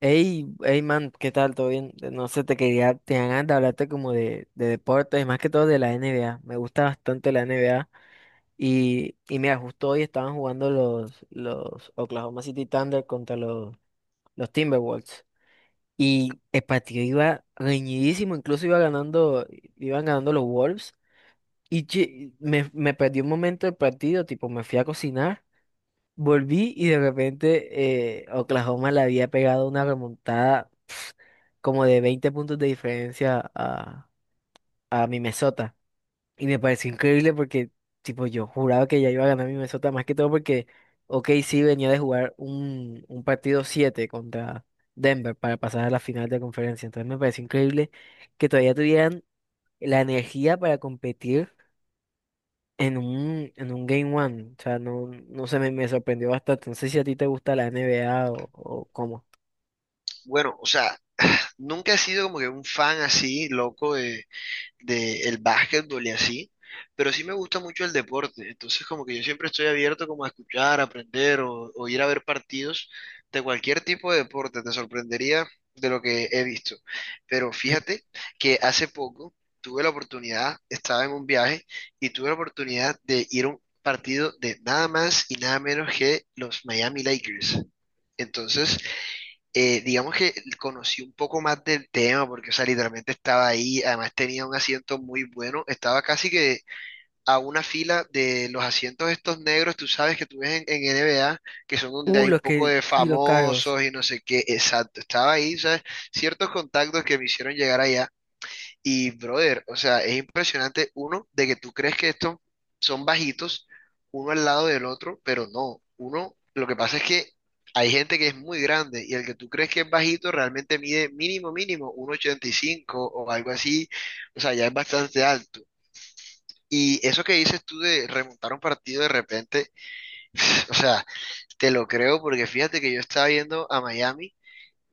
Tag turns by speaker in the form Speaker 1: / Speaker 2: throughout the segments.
Speaker 1: Hey, hey man, ¿qué tal? ¿Todo bien? No sé, te ganas de hablarte como de deportes, más que todo de la NBA. Me gusta bastante la NBA. Y mira, justo hoy estaban jugando los Oklahoma City Thunder contra los Timberwolves. Y el partido iba reñidísimo, incluso iban ganando los Wolves. Y che, me perdí un momento del partido, tipo, me fui a cocinar, volví y de repente Oklahoma le había pegado una remontada como de 20 puntos de diferencia a mi Minnesota. Y me pareció increíble porque, tipo, yo juraba que ya iba a ganar mi Minnesota, más que todo porque ok, sí venía de jugar un partido 7 contra Denver para pasar a la final de conferencia. Entonces me pareció increíble que todavía tuvieran la energía para competir en un Game One. O sea, no, no sé, me sorprendió bastante. No sé si a ti te gusta la NBA o cómo.
Speaker 2: Bueno, o sea, nunca he sido como que un fan así, loco de el básquetbol y así, pero sí me gusta mucho el deporte. Entonces, como que yo siempre estoy abierto como a escuchar, aprender o ir a ver partidos de cualquier tipo de deporte. Te sorprendería de lo que he visto. Pero fíjate que hace poco tuve la oportunidad, estaba en un viaje y tuve la oportunidad de ir a un partido de nada más y nada menos que los Miami Lakers. Entonces, digamos que conocí un poco más del tema, porque, o sea, literalmente estaba ahí, además tenía un asiento muy bueno, estaba casi que a una fila de los asientos estos negros, tú sabes que tú ves en, NBA, que son donde hay un
Speaker 1: Los
Speaker 2: poco
Speaker 1: que,
Speaker 2: de
Speaker 1: sí, los carros.
Speaker 2: famosos y no sé qué, exacto, estaba ahí, ¿sabes? Ciertos contactos que me hicieron llegar allá y, brother, o sea, es impresionante, uno, de que tú crees que estos son bajitos, uno al lado del otro, pero no. Uno, lo que pasa es que hay gente que es muy grande y el que tú crees que es bajito realmente mide mínimo, mínimo, 1,85 o algo así. O sea, ya es bastante alto. Y eso que dices tú de remontar un partido de repente, o sea, te lo creo porque fíjate que yo estaba viendo a Miami.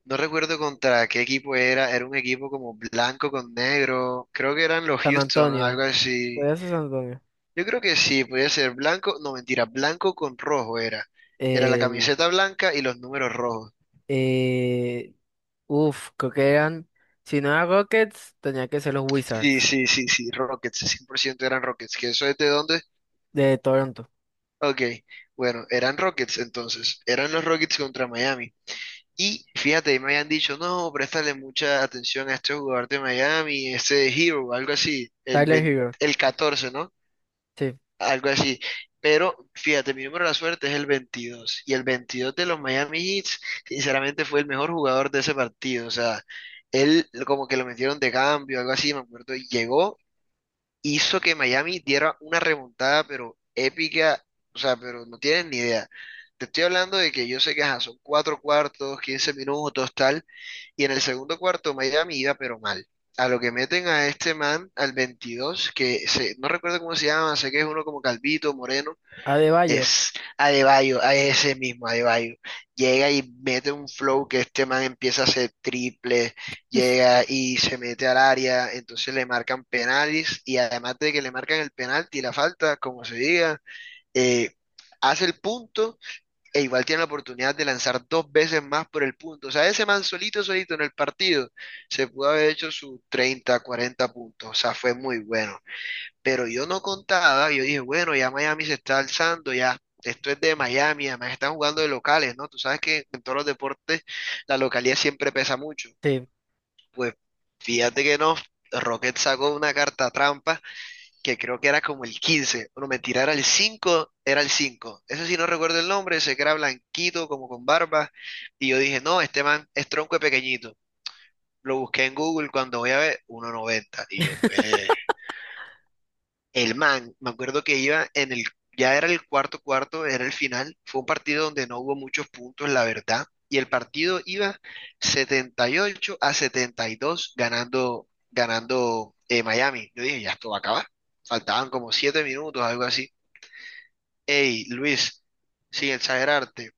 Speaker 2: No recuerdo contra qué equipo era, era un equipo como blanco con negro, creo que eran los
Speaker 1: San
Speaker 2: Houston,
Speaker 1: Antonio.
Speaker 2: algo así.
Speaker 1: ¿Podrías ser San Antonio?
Speaker 2: Yo creo que sí, podía ser blanco, no mentira, blanco con rojo era. Era la
Speaker 1: Eh,
Speaker 2: camiseta blanca y los números rojos.
Speaker 1: eh, uf, creo que eran. Si no era Rockets, tenía que ser los
Speaker 2: Sí,
Speaker 1: Wizards
Speaker 2: sí, sí, sí, Rockets, 100% eran Rockets, ¿que eso es de dónde?
Speaker 1: de Toronto.
Speaker 2: Ok, bueno, eran Rockets entonces, eran los Rockets contra Miami. Y fíjate, y me habían dicho, no, préstale mucha atención a este jugador de Miami, este Hero, algo así, el
Speaker 1: Tyler
Speaker 2: 20,
Speaker 1: Hero,
Speaker 2: el catorce, ¿no?
Speaker 1: sí.
Speaker 2: Algo así. Pero fíjate, mi número de la suerte es el veintidós. Y el 22 de los Miami Heat, sinceramente, fue el mejor jugador de ese partido. O sea, él como que lo metieron de cambio, algo así, me acuerdo. Y llegó, hizo que Miami diera una remontada, pero épica, o sea, pero no tienen ni idea. Te estoy hablando de que yo sé que ajá, son cuatro cuartos, 15 minutos, tal, y en el segundo cuarto Miami iba pero mal. A lo que meten a este man, al 22, que se, no recuerdo cómo se llama, sé que es uno como Calvito, Moreno,
Speaker 1: Adebayo,
Speaker 2: es Adebayo, a ese mismo Adebayo. Llega y mete un flow que este man empieza a hacer triple, llega y se mete al área, entonces le marcan penales y además de que le marcan el penalti y la falta, como se diga, eh, hace el punto e igual tiene la oportunidad de lanzar dos veces más por el punto. O sea, ese man solito, solito en el partido, se pudo haber hecho sus treinta, 40 puntos. O sea, fue muy bueno. Pero yo no contaba, yo dije, bueno, ya Miami se está alzando, ya esto es de Miami, además están jugando de locales, ¿no? Tú sabes que en todos los deportes la localidad siempre pesa mucho.
Speaker 1: sí.
Speaker 2: Pues fíjate que no, Rocket sacó una carta trampa que creo que era como el 15, no mentira, era el cinco, era el cinco. Eso sí no recuerdo el nombre, ese que era blanquito, como con barba, y yo dije, no, este man es tronco de pequeñito. Lo busqué en Google cuando voy a ver 1,90 y yo, el man, me acuerdo que iba en el, ya era el cuarto cuarto, era el final, fue un partido donde no hubo muchos puntos, la verdad, y el partido iba 78 a 72 ganando, ganando, Miami. Yo dije, ya esto va a acabar. Faltaban como 7 minutos, algo así. Hey, Luis, sin exagerarte,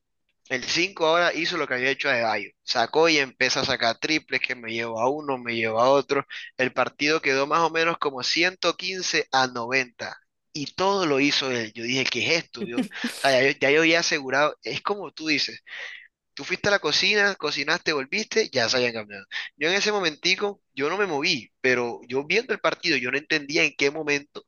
Speaker 2: el 5 ahora hizo lo que había hecho Adebayo. Sacó y empezó a sacar triples que me llevó a uno, me llevó a otro. El partido quedó más o menos como 115-90. Y todo lo hizo él. Yo dije, ¿qué es esto, Dios? O sea, ya, ya yo había asegurado. Es como tú dices. Tú fuiste a la cocina, cocinaste, volviste, ya se habían cambiado. Yo en ese momentico, yo no me moví, pero yo viendo el partido, yo no entendía en qué momento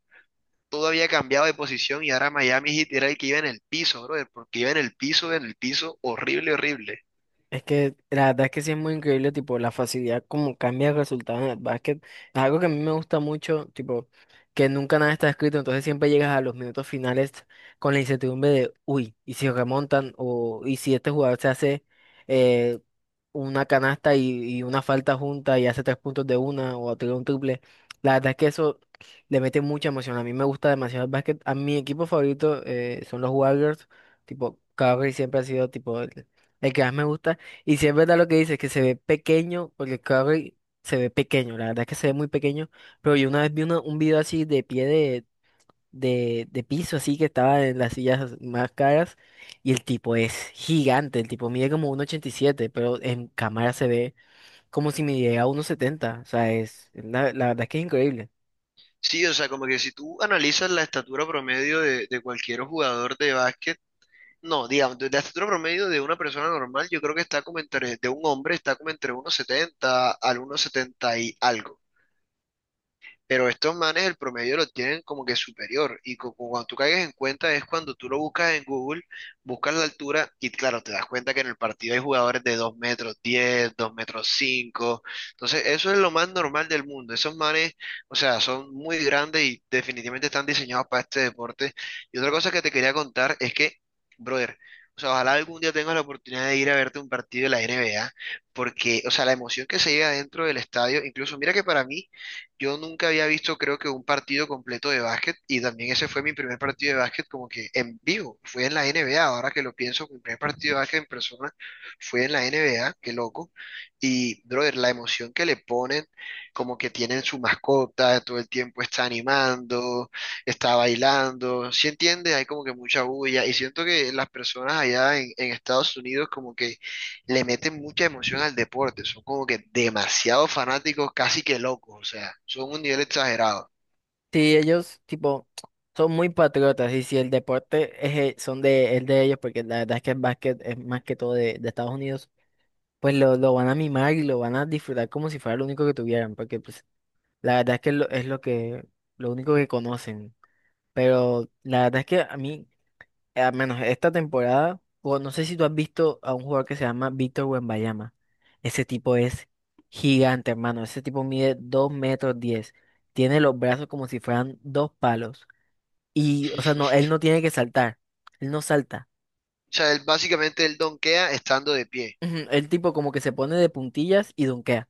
Speaker 2: todo había cambiado de posición y ahora Miami Heat era el que iba en el piso, brother, porque iba en el piso, horrible, horrible.
Speaker 1: Es que la verdad es que sí es muy increíble, tipo, la facilidad como cambia el resultado en el básquet. Es algo que a mí me gusta mucho, tipo, que nunca nada está escrito, entonces siempre llegas a los minutos finales con la incertidumbre de, uy, y si remontan, o y si este jugador se hace eh, una canasta y una falta junta y hace 3 puntos de una o tira un triple. La verdad es que eso le mete mucha emoción. A mí me gusta demasiado el básquet. A mi equipo favorito son los Warriors, tipo, Curry siempre ha sido, tipo, el que más me gusta. Y si es verdad lo que dices, que se ve pequeño, porque Curry se ve pequeño, la verdad es que se ve muy pequeño, pero yo una vez vi un video así de pie de piso, así que estaba en las sillas más caras, y el tipo es gigante, el tipo mide como 1,87, pero en cámara se ve como si midiera 1,70, o sea, la verdad es que es increíble.
Speaker 2: Sí, o sea, como que si tú analizas la estatura promedio de cualquier jugador de básquet, no, digamos, de la estatura promedio de una persona normal, yo creo que está como entre, de un hombre está como entre uno setenta al uno setenta y algo. Pero estos manes el promedio lo tienen como que superior. Y cuando tú caigas en cuenta es cuando tú lo buscas en Google, buscas la altura y claro, te das cuenta que en el partido hay jugadores de 2 metros diez, 2 metros cinco. Entonces, eso es lo más normal del mundo. Esos manes, o sea, son muy grandes y definitivamente están diseñados para este deporte. Y otra cosa que te quería contar es que, brother, o sea, ojalá algún día tengas la oportunidad de ir a verte un partido de la NBA, porque, o sea, la emoción que se llega dentro del estadio, incluso mira que para mí yo nunca había visto, creo que, un partido completo de básquet y también ese fue mi primer partido de básquet como que en vivo. Fue en la NBA, ahora que lo pienso, mi primer partido de básquet en persona fue en la NBA, qué loco. Y, brother, la emoción que le ponen, como que tienen su mascota, todo el tiempo está animando, está bailando, ¿sí entiende? Hay como que mucha bulla y siento que las personas allá en Estados Unidos como que le meten mucha emoción al deporte, son como que demasiado fanáticos, casi que locos, o sea, son un nivel exagerado.
Speaker 1: Sí, ellos, tipo, son muy patriotas, y si el deporte es, el son de, el de ellos, porque la verdad es que el básquet es más que todo de Estados Unidos. Pues lo van a mimar y lo van a disfrutar como si fuera lo único que tuvieran, porque pues la verdad es que lo único que conocen. Pero la verdad es que a mí, al menos esta temporada, o no sé si tú has visto a un jugador que se llama Víctor Wembanyama. Ese tipo es gigante, hermano. Ese tipo mide 2,10 metros. Tiene los brazos como si fueran dos palos. Y, o sea, no, él no tiene que saltar. Él no salta.
Speaker 2: O sea, él básicamente él donkea estando de pie.
Speaker 1: Ujú, el tipo como que se pone de puntillas y dunkea.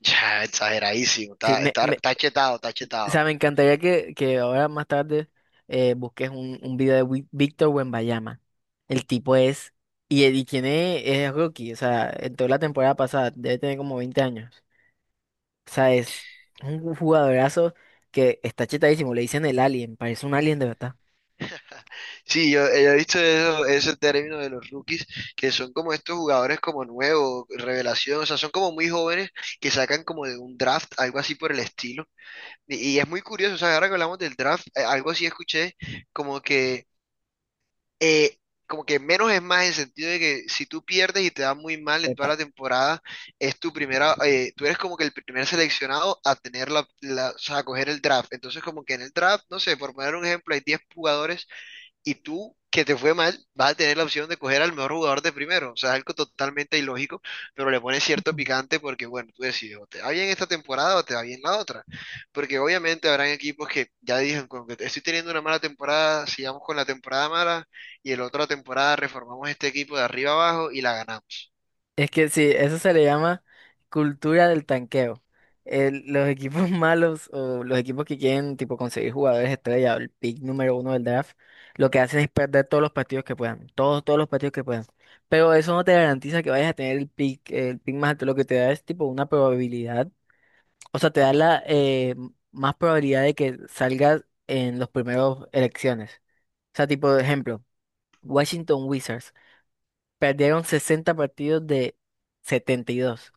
Speaker 2: Ya, exageradísimo,
Speaker 1: Sí,
Speaker 2: está, está, está chetado, está
Speaker 1: o
Speaker 2: chetado.
Speaker 1: sea, me encantaría que ahora más tarde busques un video de Víctor Wembanyama. El tipo es, y tiene, es rookie, o sea, en toda la temporada pasada, debe tener como 20 años. O sea, es un jugadorazo que está chetadísimo, le dicen el alien, parece un alien de verdad.
Speaker 2: Sí, yo he visto ese término de los rookies, que son como estos jugadores como nuevos, revelación, o sea, son como muy jóvenes que sacan como de un draft, algo así por el estilo. Y es muy curioso, o sea, ahora que hablamos del draft, algo así escuché, como que eh, como que menos es más en el sentido de que si tú pierdes y te da muy mal en toda
Speaker 1: Epa.
Speaker 2: la temporada, es tu primera, tú eres como que el primer seleccionado a tener o sea, a coger el draft. Entonces, como que en el draft, no sé, por poner un ejemplo, hay 10 jugadores y tú, que te fue mal, vas a tener la opción de coger al mejor jugador de primero. O sea, es algo totalmente ilógico, pero le pones cierto picante porque, bueno, tú decides, o te va bien esta temporada o te va bien la otra. Porque obviamente habrán equipos que ya dicen, como que estoy teniendo una mala temporada, sigamos con la temporada mala y el la otra temporada reformamos este equipo de arriba abajo y la ganamos.
Speaker 1: Es que sí, eso se le llama cultura del tanqueo. Los equipos malos o los equipos que quieren tipo conseguir jugadores estrella, o el pick número uno del draft, lo que hacen es perder todos los partidos que puedan, todos los partidos que puedan. Pero eso no te garantiza que vayas a tener el pick más alto, lo que te da es tipo una probabilidad, o sea, te da la más probabilidad de que salgas en los primeros elecciones. O sea, tipo, de ejemplo, Washington Wizards perdieron 60 partidos de 72.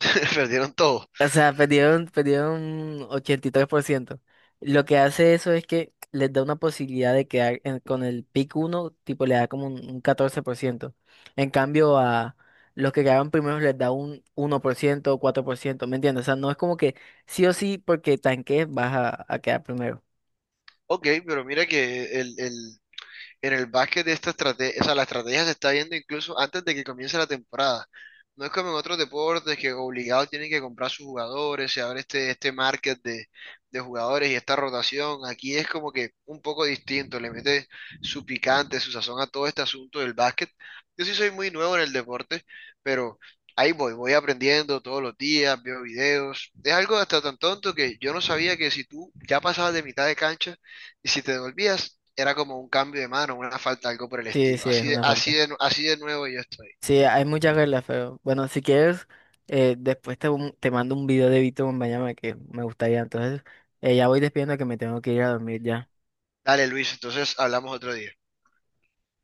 Speaker 2: Perdieron todo.
Speaker 1: O sea, perdieron 83%. Lo que hace eso es que les da una posibilidad de quedar con el pick uno, tipo le da como un 14%. En cambio, a los que quedaron primeros les da un 1% o 4%, ¿me entiendes? O sea, no es como que sí o sí porque tanques vas a quedar primero.
Speaker 2: Ok, pero mira que el en el básquet de esta estrategia, o sea, la estrategia se está viendo incluso antes de que comience la temporada. No es como en otros deportes que obligados tienen que comprar sus jugadores, se abre este market de jugadores y esta rotación. Aquí es como que un poco distinto, le mete su picante, su sazón a todo este asunto del básquet. Yo sí soy muy nuevo en el deporte, pero ahí voy, voy aprendiendo todos los días, veo videos. Es algo hasta tan tonto que yo no sabía que si tú ya pasabas de mitad de cancha, y si te devolvías, era como un cambio de mano, una falta, algo por el
Speaker 1: Sí,
Speaker 2: estilo.
Speaker 1: sí, es
Speaker 2: Así de,
Speaker 1: una
Speaker 2: así
Speaker 1: falta.
Speaker 2: de, así de nuevo yo estoy.
Speaker 1: Sí, hay muchas reglas, pero bueno, si quieres, después te mando un video de Vito Bombayama que me gustaría. Entonces, ya voy despidiendo que me tengo que ir a dormir ya.
Speaker 2: Dale, Luis, entonces hablamos otro día.